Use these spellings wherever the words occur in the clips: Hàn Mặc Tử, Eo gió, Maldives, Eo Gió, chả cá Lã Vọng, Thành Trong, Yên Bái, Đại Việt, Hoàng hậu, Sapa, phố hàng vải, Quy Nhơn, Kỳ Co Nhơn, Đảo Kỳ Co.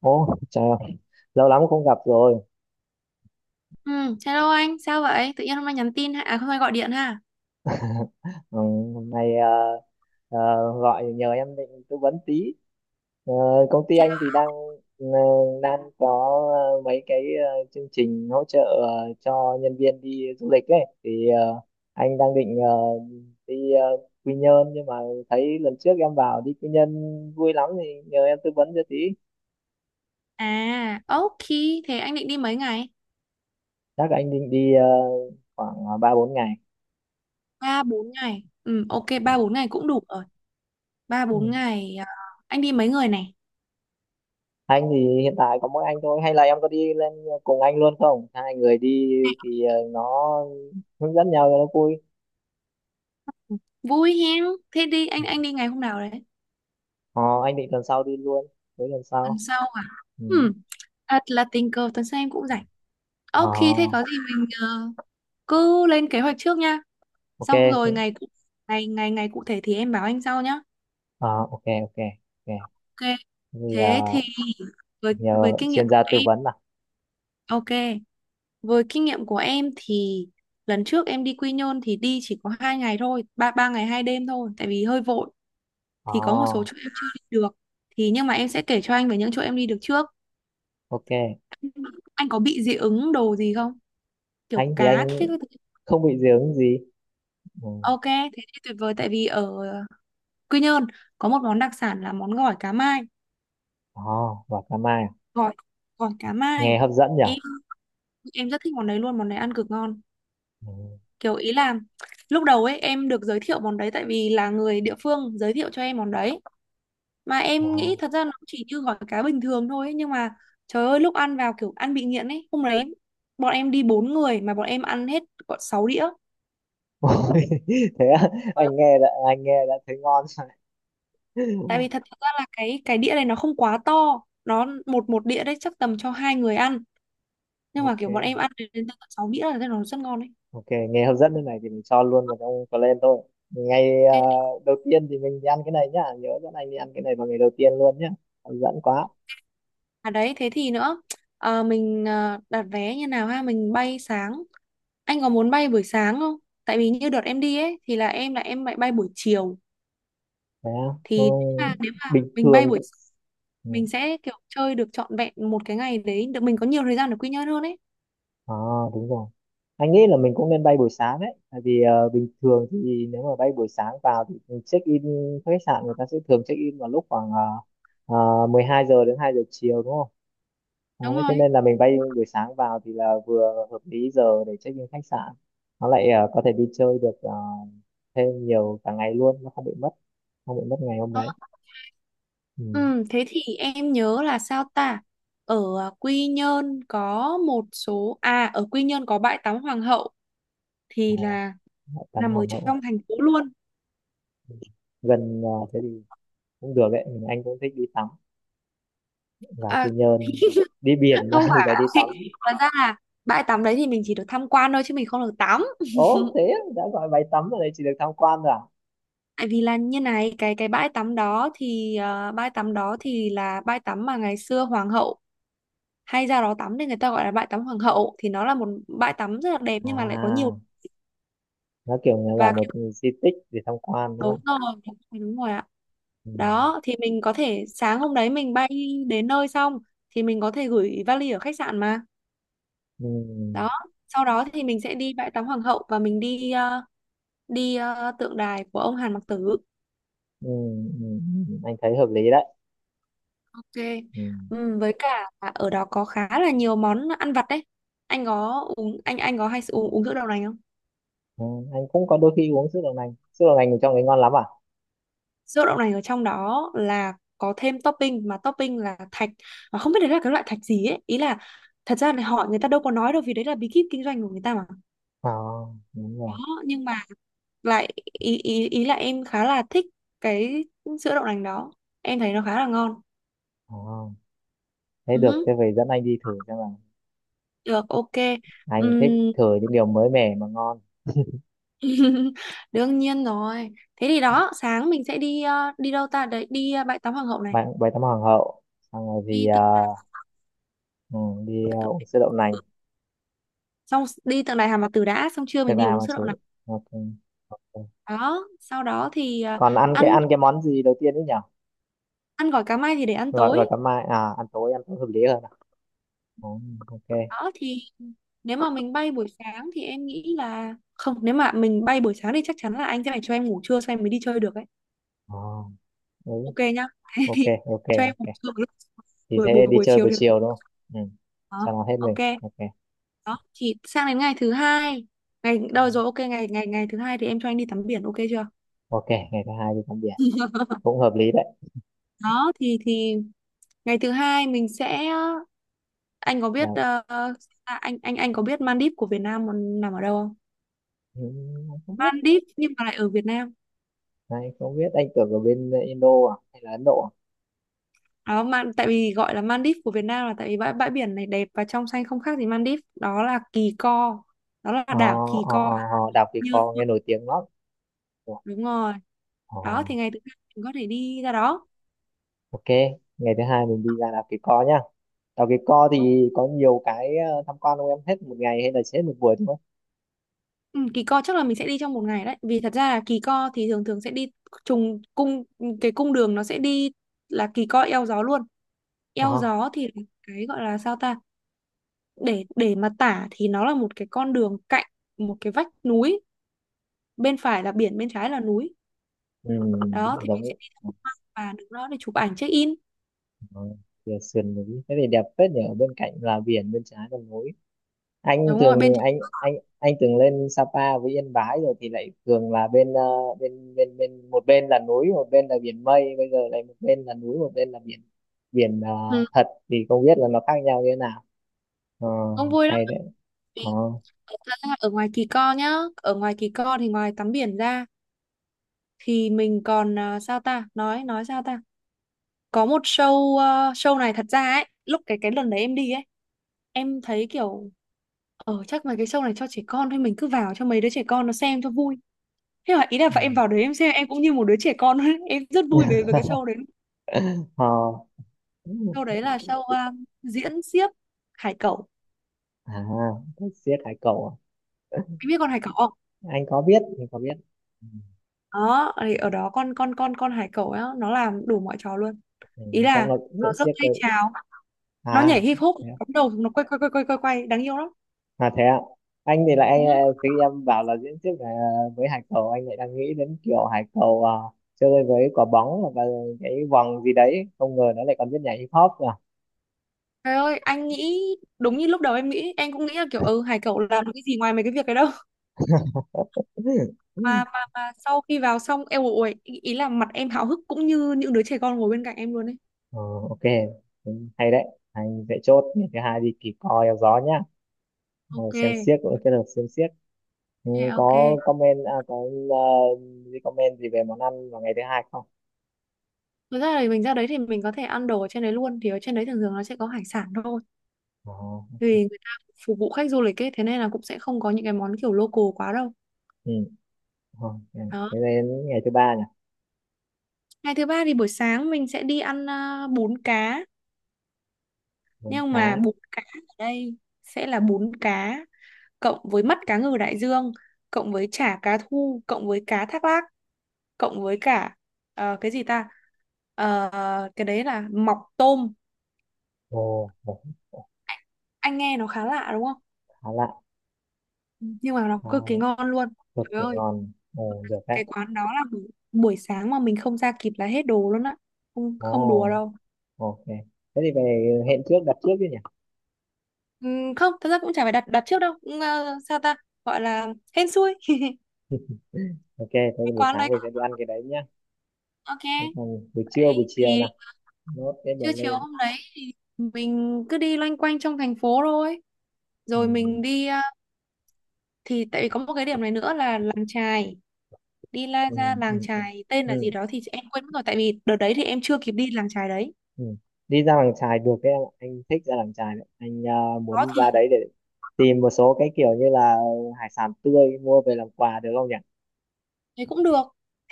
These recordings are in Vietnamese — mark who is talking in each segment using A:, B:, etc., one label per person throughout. A: Ồ, chào, lâu lắm không gặp rồi.
B: Ừ, hello anh, sao vậy? Tự nhiên hôm nay nhắn tin ha, à hôm nay gọi điện ha.
A: Ừ, hôm nay ờ, gọi nhờ em định tư vấn tí. Ờ, Công ty anh thì đang ờ, đang có mấy cái chương trình hỗ trợ cho nhân viên đi du lịch ấy. Thì anh đang định đi Quy Nhơn, nhưng mà thấy lần trước em bảo đi Quy Nhơn vui lắm thì nhờ em tư vấn cho tí.
B: À, ok, thế anh định đi mấy ngày?
A: Chắc anh định đi khoảng ba bốn ngày.
B: Ba 4 ngày. Ừ, ok 3 4 ngày cũng đủ rồi. Ba
A: Ừ.
B: 4 ngày à, anh đi mấy người này?
A: Anh thì hiện tại có mỗi anh thôi, hay là em có đi lên cùng anh luôn không, hai người đi thì nó hướng dẫn nhau cho nó vui.
B: Vui hen. Thế đi anh đi ngày hôm nào đấy?
A: Ờ, anh định tuần sau đi luôn, tới tuần
B: Tuần
A: sau.
B: sau à?
A: Ừ.
B: Ừ, thật là tình cờ tuần sau em cũng rảnh.
A: ờ,
B: Ok, thế có gì mình cứ lên kế hoạch trước nha. Xong rồi
A: ok
B: ngày cụ thể thì em báo anh sau nhá.
A: ờ, ok ok ok
B: Ok,
A: thì
B: thế thì với
A: nhờ
B: kinh nghiệm
A: chuyên
B: của
A: gia tư
B: em.
A: vấn à.
B: Ok. Với kinh nghiệm của em thì lần trước em đi Quy Nhơn thì đi chỉ có 2 ngày thôi, ba ba ngày hai đêm thôi, tại vì hơi vội
A: ờ,
B: thì có một số chỗ em chưa đi được. Thì nhưng mà em sẽ kể cho anh về những chỗ em đi được trước.
A: ok,
B: Anh có bị dị ứng đồ gì không? Kiểu
A: anh thì anh
B: cá thích các thứ.
A: không bị dị ứng gì. Ừ.
B: Ok, thế thì tuyệt vời tại vì ở Quy Nhơn có một món đặc sản là món gỏi cá mai,
A: ờ, và cà mai à?
B: gỏi gỏi cá
A: Nghe
B: mai.
A: hấp dẫn nhỉ.
B: Em em rất thích món đấy luôn, món đấy ăn cực ngon.
A: Ừ.
B: Kiểu ý là lúc đầu ấy em được giới thiệu món đấy tại vì là người địa phương giới thiệu cho em món đấy, mà
A: Ờ.
B: em nghĩ thật ra nó chỉ như gỏi cá bình thường thôi ấy, nhưng mà trời ơi lúc ăn vào kiểu ăn bị nghiện ấy. Hôm đấy bọn em đi bốn người mà bọn em ăn hết gọn sáu đĩa,
A: Thế á, anh nghe đã thấy ngon rồi.
B: tại vì thật ra là cái đĩa này nó không quá to, nó một một đĩa đấy chắc tầm cho hai người ăn, nhưng mà
A: Ok.
B: kiểu bọn em ăn đến đến tận sáu đĩa là thấy nó rất ngon đấy.
A: Ok, nghe hấp dẫn thế này thì mình cho luôn vào trong plan thôi. Ngày
B: Thế thì-
A: đầu tiên thì mình đi ăn cái này nhá, nhớ dẫn anh đi ăn cái này vào ngày đầu tiên luôn nhá. Hấp dẫn quá.
B: ok. À đấy thế thì nữa, ờ, mình đặt vé như nào ha, mình bay sáng, anh có muốn bay buổi sáng không? Tại vì như đợt em đi ấy thì là em lại bay buổi chiều.
A: Thế á? Ừ,
B: Thì nếu mà
A: bình
B: mình bay
A: thường.
B: buổi sáng,
A: Ừ.
B: mình sẽ kiểu chơi được trọn vẹn một cái ngày đấy được, mình có nhiều thời gian để Quy Nhơn hơn ấy.
A: À, đúng rồi. Anh nghĩ là mình cũng nên bay buổi sáng đấy, tại vì bình thường thì nếu mà bay buổi sáng vào thì check in khách sạn, người ta sẽ thường check in vào lúc khoảng 12 giờ đến 2 giờ chiều đúng không?
B: Đúng
A: Đấy, thế
B: rồi.
A: nên là mình bay buổi sáng vào thì là vừa hợp lý giờ để check in khách sạn, nó lại có thể đi chơi được thêm nhiều cả ngày luôn, nó không bị mất, không bị mất ngày hôm
B: Ờ,
A: đấy. Ừ.
B: ừ, thế thì em nhớ là sao ta? Ở à, Quy Nhơn có một số, à ở Quy Nhơn có bãi tắm Hoàng hậu thì
A: uh,
B: là
A: Tắm
B: nằm ở
A: Hoàng hậu
B: trong thành phố luôn.
A: gần thế thì cũng được đấy, mình anh cũng thích đi tắm và Quy
B: À,
A: Nhơn đi biển ra
B: không
A: thì phải đi
B: phải
A: tắm.
B: thật ra là bãi tắm đấy thì mình chỉ được tham quan thôi chứ mình không được tắm.
A: Ố thế á, đã gọi bãi tắm ở đây chỉ được tham quan rồi à?
B: Tại vì là như này, cái bãi tắm đó thì bãi tắm đó thì là bãi tắm mà ngày xưa Hoàng hậu hay ra đó tắm nên người ta gọi là bãi tắm Hoàng hậu, thì nó là một bãi tắm rất là đẹp nhưng mà lại có nhiều.
A: À, nó kiểu như là
B: Và
A: một di tích để tham quan đúng
B: đúng
A: không?
B: rồi, đúng rồi đúng rồi ạ.
A: Ừ.
B: Đó thì mình có thể sáng hôm đấy mình bay đến nơi xong thì mình có thể gửi vali ở khách sạn mà.
A: Ừ.
B: Đó sau đó thì mình sẽ đi bãi tắm Hoàng hậu, và mình đi tượng đài của ông Hàn Mặc Tử.
A: Ừ. Ừ. Ừ, ừ, ừ, anh thấy hợp lý đấy.
B: Ok.
A: Ừ.
B: Với cả là ở đó có khá là nhiều món ăn vặt đấy. Anh có hay uống uống sữa đậu nành không?
A: Ừ, anh cũng có đôi khi uống sữa đậu nành, sữa đậu nành thì trong đấy ngon lắm à.
B: Sữa đậu nành ở trong đó là có thêm topping, mà topping là thạch mà không biết đấy là cái loại thạch gì ấy. Ý là thật ra là người ta đâu có nói đâu vì đấy là bí kíp kinh doanh của người ta mà.
A: Ờ, đúng
B: Đó,
A: rồi.
B: nhưng mà lại ý ý ý là em khá là thích cái sữa đậu nành đó, em thấy nó khá là ngon.
A: Ờ, thế
B: Ừ
A: được,
B: hứ,
A: thế về dẫn anh đi thử xem là
B: được, ok.
A: anh thích
B: Ừm,
A: thử những điều mới mẻ mà ngon.
B: đương nhiên rồi. Thế thì đó sáng mình sẽ đi đâu ta đấy, đi bãi tắm Hoàng hậu này.
A: Bánh bánh tắm hoàng hậu, xong rồi thì
B: Đi từ,
A: ừ, đi
B: từ
A: uống sữa đậu nành,
B: xong đi tượng đài Hà Mạt Tử đã, xong trưa
A: thực
B: mình đi
A: ra
B: uống
A: mà
B: sữa
A: chứ.
B: đậu nành.
A: Ok ok.
B: Đó sau đó thì à,
A: Còn
B: ăn
A: ăn cái món gì đầu tiên ấy nhỉ?
B: ăn gỏi cá mai thì để ăn
A: Gọi gọi
B: tối.
A: cả mai à, ăn tối hợp lý hơn à? Ừ, ok.
B: Đó thì nếu mà mình bay buổi sáng thì em nghĩ là không, nếu mà mình bay buổi sáng thì chắc chắn là anh sẽ phải cho em ngủ trưa xong em mới đi chơi được ấy.
A: ờ ừ,
B: Ok nhá.
A: ok ok
B: Cho em ngủ
A: ok
B: trưa một lúc,
A: thì
B: buổi buổi
A: sẽ đi
B: buổi
A: chơi
B: chiều
A: buổi
B: thì
A: chiều đúng không? Ừ, cho
B: đó
A: nó hết
B: ok.
A: mình. Ok.
B: Đó thì sang đến ngày thứ hai, ngày
A: Ừ.
B: đâu rồi ok, ngày ngày ngày thứ hai thì em cho anh đi tắm biển, ok chưa?
A: Ok, ngày thứ hai đi tắm biển cũng hợp lý đấy.
B: Đó thì ngày thứ hai mình sẽ anh có biết
A: Là
B: anh có biết Maldives của Việt Nam nằm ở đâu không?
A: ừ, không biết,
B: Maldives nhưng mà lại ở Việt Nam.
A: anh không biết, anh tưởng ở bên Indo à, hay là Ấn Độ à?
B: Đó mà tại vì gọi là Maldives của Việt Nam là tại vì bãi bãi biển này đẹp và trong xanh không khác gì Maldives. Đó là Kỳ Co. Đó là
A: Ờ,
B: đảo Kỳ Co
A: Đảo Kỳ
B: Nhơn.
A: Co nghe nổi tiếng lắm. Ủa.
B: Đúng rồi.
A: Ờ,
B: Đó thì ngày thứ hai mình có thể đi ra đó.
A: ok, ngày thứ hai mình đi ra đảo Kỳ Co nhá. Đảo Kỳ Co thì có nhiều cái tham quan không, em hết một ngày hay là sẽ hết một buổi thôi?
B: Ừ, Kỳ Co chắc là mình sẽ đi trong một ngày đấy. Vì thật ra là Kỳ Co thì thường thường sẽ đi trùng cung, cái cung đường nó sẽ đi là Kỳ Co eo gió luôn. Eo
A: Ờ,
B: gió thì là cái gọi là sao ta? Để mà tả thì nó là một cái con đường cạnh một cái vách núi, bên phải là biển, bên trái là núi.
A: ừ,
B: Đó thì mình
A: giống
B: sẽ đi tham quan và đứng đó để chụp ảnh check in.
A: ờ, sườn núi, thế thì đẹp phết nhỉ, ở bên cạnh là biển, bên trái là núi. anh
B: Đúng
A: thường
B: rồi,
A: anh anh anh thường lên Sapa với Yên Bái rồi thì lại thường là bên bên bên bên một bên là núi một bên là biển, mây bây giờ lại một bên là núi một bên là biển, biển
B: ừ,
A: thật thì không biết là nó khác nhau như thế nào. ờ,
B: cũng vui lắm.
A: Hay đấy. Ờ.
B: Vì thật ra ở ngoài Kỳ Co nhá, ở ngoài Kỳ Co thì ngoài tắm biển ra thì mình còn à, sao ta? Nói sao ta? Có một show, à show này thật ra ấy, lúc cái lần đấy em đi ấy, em thấy kiểu chắc là cái show này cho trẻ con thôi, mình cứ vào cho mấy đứa trẻ con nó xem cho vui, thế là ý là
A: Ừ.
B: và em vào đấy em xem em cũng như một đứa trẻ con ấy. Em rất vui về với cái show đấy.
A: Ờ.
B: Show đấy là show à, diễn xiếc hải cẩu.
A: À thích siếc hải cẩu à?
B: Em biết con hải cẩu không?
A: Anh có biết, anh có biết. Ừ.
B: Đó thì ở đó con hải cẩu á nó làm đủ mọi trò luôn.
A: Ừ,
B: Ý
A: chắc
B: là
A: nó cũng
B: nó giơ
A: siếc
B: tay
A: với.
B: chào, nó
A: À,
B: nhảy hip hop, nó
A: thế.
B: bấm đầu, nó quay quay quay quay quay quay đáng yêu lắm.
A: À thế ạ. Anh thì lại
B: Ừ.
A: khi em bảo là diễn thuyết về với hải cầu, anh lại đang nghĩ đến kiểu hải cầu chơi với quả bóng hoặc là cái vòng gì đấy, không ngờ nó lại còn biết nhảy hip hop à.
B: Trời ơi anh nghĩ, đúng như lúc đầu em nghĩ, em cũng nghĩ là kiểu ừ hải cẩu làm được cái gì ngoài mấy cái việc đấy đâu. mà, mà, mà sau khi vào xong em ủi ý ý là mặt em háo hức cũng như những đứa trẻ con ngồi bên cạnh em luôn ấy.
A: Ờ, ok. Ừ, hay đấy, anh sẽ chốt ngày thứ hai đi kỳ co eo gió nhá. Ờ,
B: Ok,
A: xem xiếc, cũng kết hợp xem xiếc. Ừ,
B: ok, ok.
A: có comment à, có ờ, gì comment gì về món ăn vào ngày thứ hai không?
B: Thực ra thì mình ra đấy thì mình có thể ăn đồ ở trên đấy luôn. Thì ở trên đấy thường thường nó sẽ có hải sản thôi.
A: Ờ,
B: Vì người ta phục vụ khách du lịch ấy, thế nên là cũng sẽ không có những cái món kiểu local quá đâu.
A: ừ. Ờ,
B: Đó.
A: thế đến ngày thứ ba nhỉ.
B: Ngày thứ ba thì buổi sáng mình sẽ đi ăn à, bún cá.
A: Món
B: Nhưng
A: cá.
B: mà bún cá ở đây sẽ là bún cá cộng với mắt cá ngừ đại dương, cộng với chả cá thu, cộng với cá thác lác, cộng với cả cái gì ta? Ờ, cái đấy là mọc tôm.
A: Ồ, ồ, ồ,
B: Anh nghe nó khá lạ đúng không?
A: khá lạ.
B: Nhưng mà nó
A: Ờ.
B: cực kỳ ngon luôn.
A: Được
B: Trời
A: thì
B: ơi
A: ngon. Ồ, được đấy.
B: cái quán đó là buổi buổi sáng mà mình không ra kịp là hết đồ luôn á, không
A: Ồ,
B: không đùa đâu.
A: ok. Thế thì về hẹn trước, đặt trước chứ nhỉ?
B: Ừ, không thật ra cũng chả phải đặt đặt trước đâu. Ừ, sao ta, gọi là hên xui.
A: Ok, thế thì
B: Cái
A: buổi
B: quán đấy
A: sáng mình sẽ đi ăn cái đấy nhá. Thế
B: ok.
A: còn buổi trưa, buổi chiều nè.
B: Thì
A: Nốt cái bờ
B: trưa chiều
A: lên.
B: hôm đấy mình cứ đi loanh quanh trong thành phố thôi, rồi
A: Ừ,
B: mình thì tại vì có một cái điểm này nữa là làng chài. Đi
A: ừ,
B: ra làng
A: ừ,
B: chài tên là gì
A: ừ,
B: đó thì em quên mất rồi, tại vì đợt đấy thì em chưa kịp đi làng chài đấy.
A: ừ. Đi ra làng chài được đấy em ạ. Anh thích ra làng chài đấy. Anh
B: Đó
A: muốn ra
B: thì
A: đấy để tìm một số cái kiểu như là hải sản tươi mua về làm quà được không nhỉ?
B: thấy cũng được.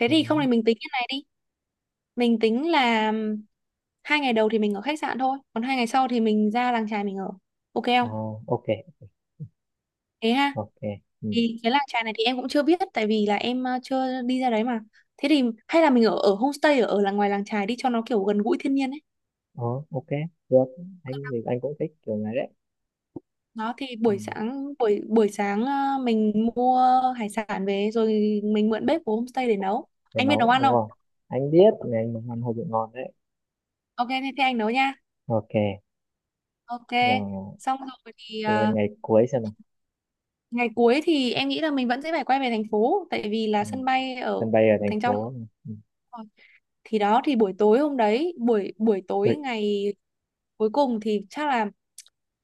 B: Thế
A: Ừ.
B: thì không thì mình tính cái này đi, mình tính là 2 ngày đầu thì mình ở khách sạn thôi, còn 2 ngày sau thì mình ra làng chài mình ở, ok
A: Ờ,
B: không
A: ok,
B: thế ha?
A: ok. Ừ.
B: Thì cái làng chài này thì em cũng chưa biết tại vì là em chưa đi ra đấy mà. Thế thì hay là mình ở ở homestay ở ở là ngoài làng chài đi cho nó kiểu gần gũi thiên nhiên ấy.
A: Ờ, ok, được. Anh thì anh cũng thích kiểu này đấy.
B: Đó thì
A: Ừ.
B: buổi sáng buổi buổi sáng mình mua hải sản về rồi mình mượn bếp của homestay để nấu.
A: Cái
B: Anh biết nấu
A: nấu
B: ăn
A: đúng
B: không?
A: không, anh biết ngày anh nấu ăn hơi bị ngon đấy.
B: Ok, thế anh nấu nha.
A: Ok
B: Ok.
A: là
B: Xong rồi thì
A: lên ngày cuối xem nào.
B: ngày cuối thì em nghĩ là mình vẫn sẽ phải quay về thành phố tại vì là
A: Ừ.
B: sân bay ở
A: Sân bay ở thành
B: Thành Trong.
A: phố. Ừ.
B: Rồi. Thì đó thì buổi tối hôm đấy, buổi buổi tối
A: Ui,
B: ngày cuối cùng thì chắc là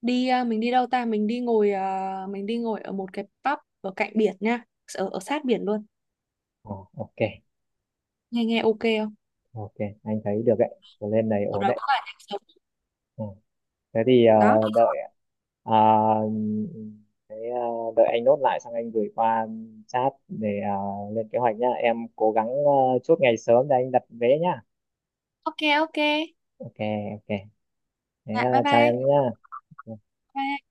B: đi à, mình đi đâu ta? Mình đi ngồi à, mình đi ngồi ở một cái pub ở cạnh biển nha, ở ở sát biển luôn.
A: ờ, ok
B: Nghe nghe ok không?
A: ok, anh thấy được đấy. Rồi lên này
B: Ở
A: ổn
B: đó
A: đấy.
B: có là nhạc sống.
A: Ừ. Thế thì
B: Đó,
A: đợi ờ, thế, ờ, đợi anh nốt lại xong anh gửi qua chat để lên kế hoạch nhá, em cố gắng chốt ngày sớm để anh đặt vé nhá.
B: ok ok.
A: Ok ok. Thế
B: Dạ bye
A: chào
B: bye.
A: em nhá. Ừ.
B: Bye.